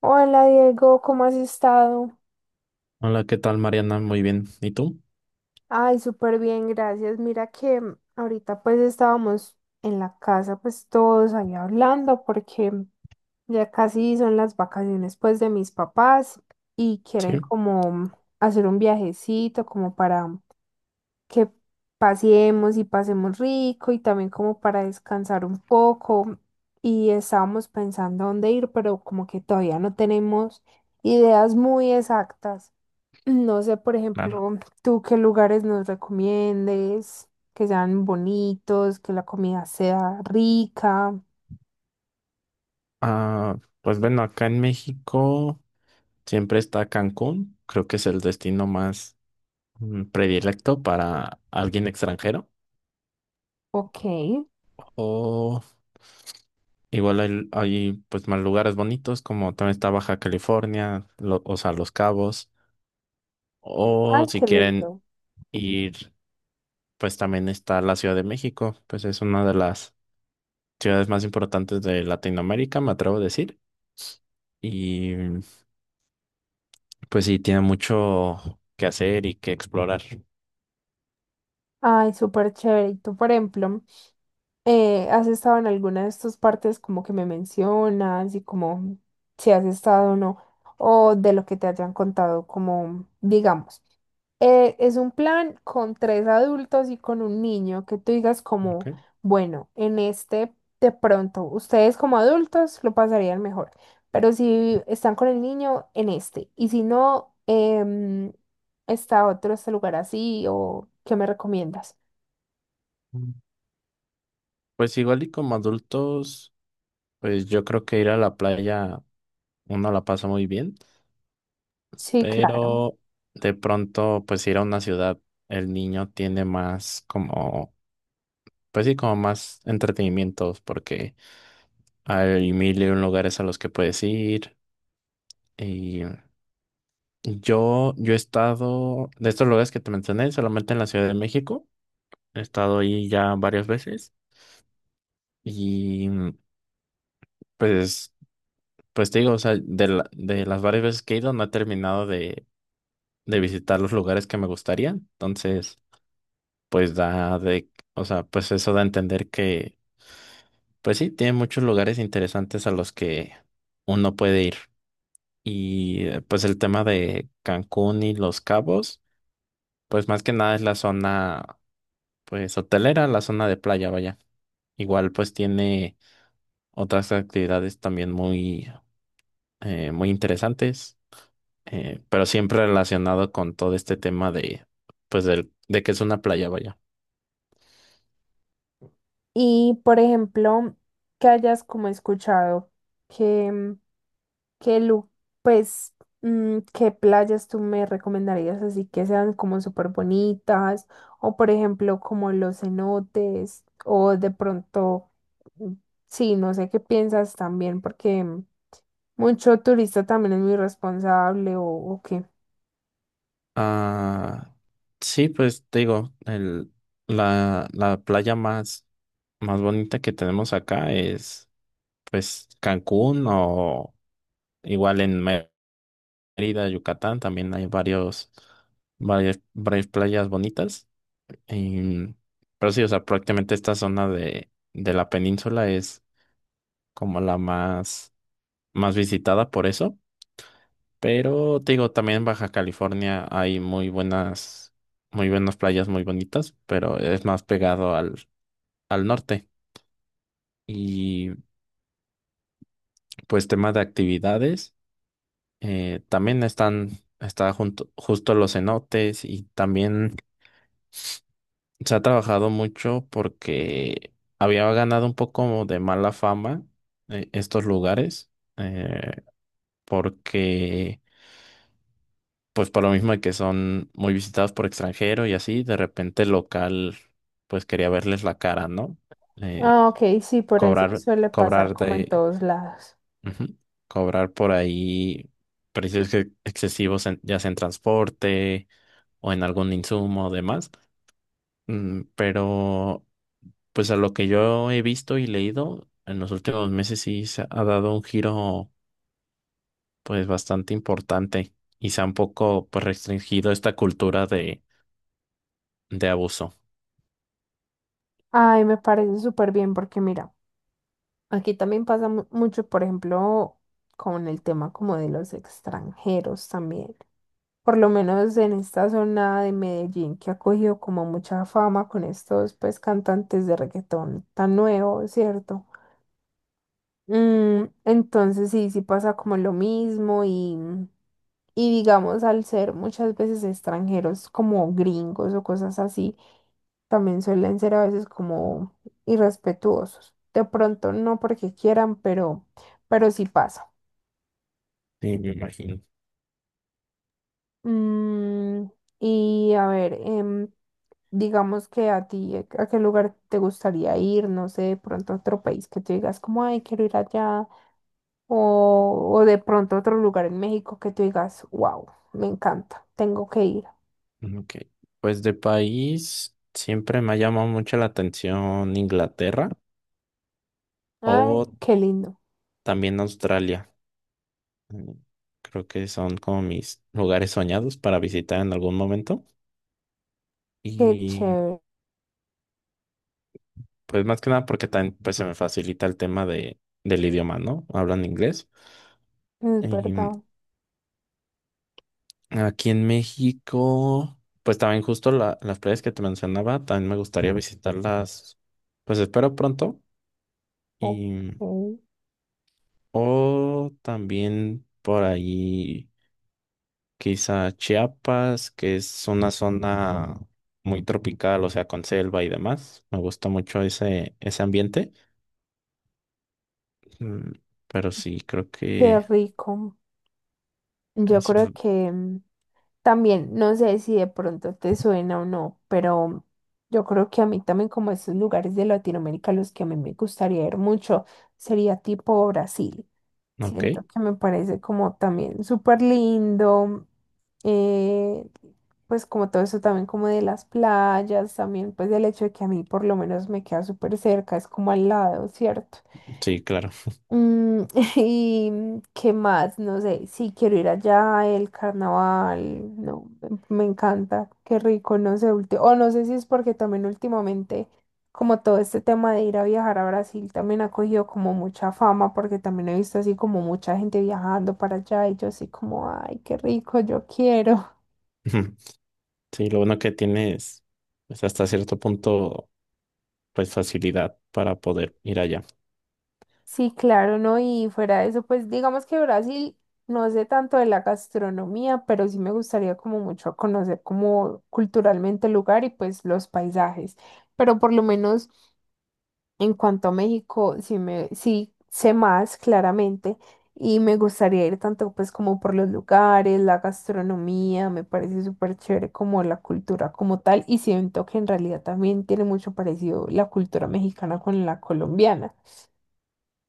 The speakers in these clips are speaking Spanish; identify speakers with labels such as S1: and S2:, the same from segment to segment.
S1: Hola Diego, ¿cómo has estado?
S2: Hola, ¿qué tal, Mariana? Muy bien. ¿Y tú?
S1: Ay, súper bien, gracias. Mira que ahorita pues estábamos en la casa pues todos ahí hablando porque ya casi son las vacaciones pues de mis papás y quieren
S2: Sí,
S1: como hacer un viajecito como para que paseemos y pasemos rico y también como para descansar un poco y estábamos pensando dónde ir, pero como que todavía no tenemos ideas muy exactas. No sé, por
S2: claro.
S1: ejemplo, tú qué lugares nos recomiendes, que sean bonitos, que la comida sea rica.
S2: Pues bueno, acá en México siempre está Cancún. Creo que es el destino más predilecto para alguien extranjero.
S1: Ok. Ay,
S2: O igual hay, pues más lugares bonitos, como también está Baja California, o sea, Los Cabos. O si
S1: qué
S2: quieren
S1: lindo.
S2: ir, pues también está la Ciudad de México. Pues es una de las ciudades más importantes de Latinoamérica, me atrevo a decir. Y Pues sí, tiene mucho que hacer y que explorar.
S1: Ay, súper chévere. Y tú, por ejemplo, ¿has estado en alguna de estas partes como que me mencionas y como si has estado o no? O de lo que te hayan contado, como digamos. Es un plan con tres adultos y con un niño que tú digas como,
S2: Ok.
S1: bueno, en este de pronto, ustedes como adultos lo pasarían mejor, pero si están con el niño, en este, y si no, está otro, este lugar así, o ¿qué me recomiendas?
S2: Mm. Pues igual y como adultos, pues yo creo que ir a la playa uno la pasa muy bien,
S1: Sí, claro.
S2: pero de pronto pues ir a una ciudad, el niño tiene más como, pues sí, como más entretenimientos, porque hay mil y un lugares a los que puedes ir. Y yo he estado, de estos lugares que te mencioné, solamente en la Ciudad de México. He estado ahí ya varias veces y... Pues, pues te digo, o sea, de las varias veces que he ido no he terminado de visitar los lugares que me gustaría. Entonces, o sea, pues eso da a entender que, pues sí, tiene muchos lugares interesantes a los que uno puede ir. Pues el tema de Cancún y Los Cabos, pues más que nada es la zona, pues hotelera, la zona de playa, vaya. Igual pues tiene otras actividades también muy, muy interesantes. Pero siempre relacionado con todo este tema de, pues, de que es una playa, vaya.
S1: Y por ejemplo, que hayas como escuchado que... ¿Qué pues, qué playas tú me recomendarías así que sean como súper bonitas? O por ejemplo, como los cenotes, o de pronto, mm, sí, no sé qué piensas también, porque mucho turista también es muy responsable, o qué.
S2: Ah, sí, pues te digo, la playa más, más bonita que tenemos acá es, pues, Cancún, o igual en Mérida, Yucatán, también hay varios, varias playas bonitas. Em, pero sí, o sea, prácticamente esta zona de la península es como la más, más visitada por eso. Pero te digo, también en Baja California hay muy buenas playas muy bonitas, pero es más pegado al norte. Y pues tema de actividades, también están, está justo los cenotes, y también se ha trabajado mucho porque había ganado un poco de mala fama, estos lugares, eh, porque pues por lo mismo de que son muy visitados por extranjero y así, de repente el local pues quería verles la cara, ¿no? Eh,
S1: Ah, ok, sí, por eso
S2: cobrar,
S1: suele pasar
S2: cobrar
S1: como en todos lados.
S2: ujú, cobrar por ahí precios excesivos, ya sea en transporte o en algún insumo o demás. Pero, pues a lo que yo he visto y leído, en los últimos meses sí se ha dado un giro pues bastante importante, y se ha un poco, pues, restringido esta cultura de abuso.
S1: Ay, me parece súper bien porque mira, aquí también pasa mucho, por ejemplo, con el tema como de los extranjeros también. Por lo menos en esta zona de Medellín que ha cogido como mucha fama con estos pues cantantes de reggaetón tan nuevos, ¿cierto? Mm, entonces sí, sí pasa como lo mismo y digamos al ser muchas veces extranjeros como gringos o cosas así, también suelen ser a veces como irrespetuosos. De pronto no porque quieran, pero sí pasa.
S2: Sí, me imagino.
S1: Mm, y a ver, digamos que a ti, ¿a qué lugar te gustaría ir? No sé, de pronto otro país que tú digas como, ay, quiero ir allá. O, o de pronto otro lugar en México que tú digas, wow, me encanta, tengo que ir.
S2: Mm, ok. Pues de país siempre me ha llamado mucho la atención Inglaterra,
S1: Ay,
S2: o
S1: qué lindo,
S2: también Australia. Mm, Creo que son como mis lugares soñados para visitar en algún momento.
S1: qué
S2: Y
S1: chévere,
S2: pues más que nada porque también pues se me facilita el tema de, del idioma, ¿no? Hablan inglés.
S1: es
S2: Y
S1: verdad.
S2: aquí en México pues también justo las playas que te mencionaba, también me gustaría visitarlas, pues espero pronto.
S1: Ok,
S2: y mm, O también por ahí, quizá Chiapas, que es una zona muy tropical, o sea, con selva y demás. Me gusta mucho ese, ese ambiente. Mm, Pero sí, creo
S1: qué
S2: que
S1: rico. Yo
S2: eso es...
S1: creo que también, no sé si de pronto te suena o no, pero yo creo que a mí también como esos lugares de Latinoamérica a los que a mí me gustaría ir mucho sería tipo Brasil.
S2: Ok,
S1: Siento que me parece como también súper lindo, eh, pues como todo eso también como de las playas, también pues del hecho de que a mí por lo menos me queda súper cerca, es como al lado, ¿cierto?
S2: sí, claro.
S1: Mm, ¿y qué más? No sé, sí quiero ir allá, el carnaval, no, me encanta, qué rico, no sé, o no sé si es porque también últimamente, como todo este tema de ir a viajar a Brasil también ha cogido como mucha fama, porque también he visto así como mucha gente viajando para allá y yo así como, ay, qué rico, yo quiero.
S2: Sí, lo bueno que tienes es, hasta cierto punto, pues facilidad para poder ir allá.
S1: Sí, claro, ¿no? Y fuera de eso, pues digamos que Brasil no sé tanto de la gastronomía, pero sí me gustaría como mucho conocer como culturalmente el lugar y pues los paisajes. Pero por lo menos en cuanto a México, sí me, sí sé más claramente y me gustaría ir tanto pues como por los lugares, la gastronomía, me parece súper chévere como la cultura como tal y siento que en realidad también tiene mucho parecido la cultura mexicana con la colombiana.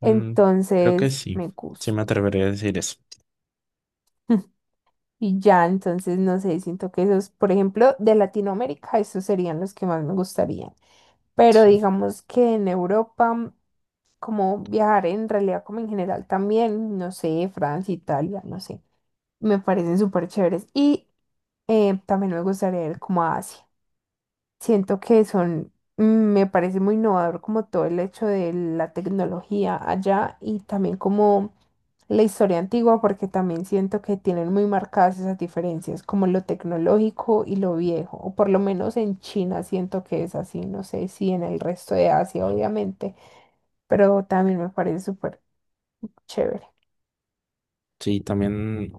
S2: Mm, Creo que
S1: Entonces,
S2: sí,
S1: me
S2: sí
S1: gusta.
S2: me atrevería a decir eso.
S1: Y ya, entonces, no sé, siento que esos, por ejemplo, de Latinoamérica, esos serían los que más me gustarían. Pero
S2: Sí.
S1: digamos que en Europa, como viajar en realidad, como en general también, no sé, Francia, Italia, no sé, me parecen súper chéveres. Y también me gustaría ir como a Asia. Siento que son, me parece muy innovador como todo el hecho de la tecnología allá y también como la historia antigua, porque también siento que tienen muy marcadas esas diferencias, como lo tecnológico y lo viejo, o por lo menos en China siento que es así, no sé si en el resto de Asia, obviamente, pero también me parece súper chévere.
S2: Sí, también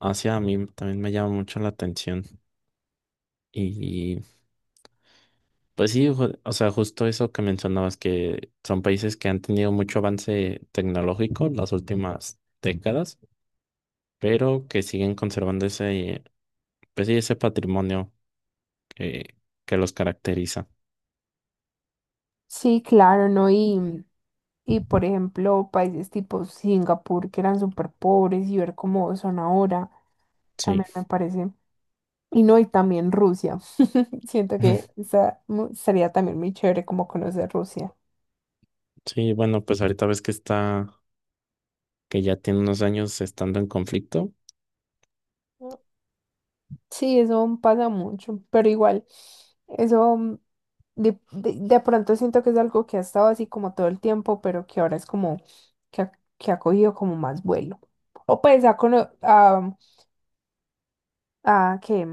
S2: hacia mí también me llama mucho la atención. Y pues sí, o sea, justo eso que mencionabas, que son países que han tenido mucho avance tecnológico las últimas décadas, pero que siguen conservando ese, pues sí, ese patrimonio que, que los caracteriza.
S1: Sí, claro, ¿no? Y por ejemplo, países tipo Singapur que eran súper pobres y ver cómo son ahora,
S2: Sí.
S1: también me parece. Y no, y también Rusia. Siento que esa sería también muy chévere como conocer Rusia.
S2: Sí, bueno, pues ahorita ves que está que ya tiene unos años estando en conflicto.
S1: Sí, eso pasa mucho, pero igual, eso de pronto siento que es algo que ha estado así como todo el tiempo, pero que ahora es como que ha, que ha cogido como más vuelo. O pues ha, ah, que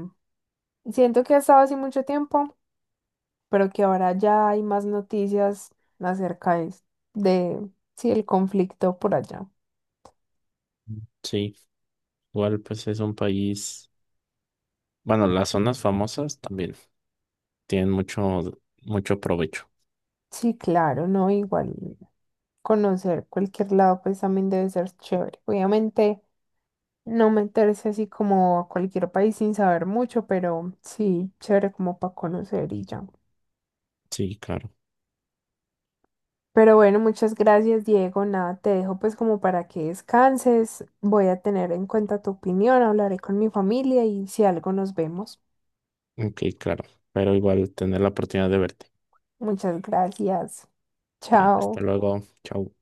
S1: siento que ha estado así mucho tiempo, pero que ahora ya hay más noticias acerca de sí, el conflicto por allá.
S2: Sí, igual pues es un país. Bueno, las zonas famosas también tienen mucho, mucho provecho.
S1: Sí, claro, ¿no? Igual conocer cualquier lado pues también debe ser chévere. Obviamente no meterse así como a cualquier país sin saber mucho, pero sí, chévere como para conocer y ya.
S2: Sí, claro.
S1: Pero bueno, muchas gracias, Diego. Nada, te dejo pues como para que descanses. Voy a tener en cuenta tu opinión, hablaré con mi familia y si algo nos vemos.
S2: Ok, claro. Pero igual tener la oportunidad de verte.
S1: Muchas gracias.
S2: Ok, hasta
S1: Chao.
S2: luego. Chao.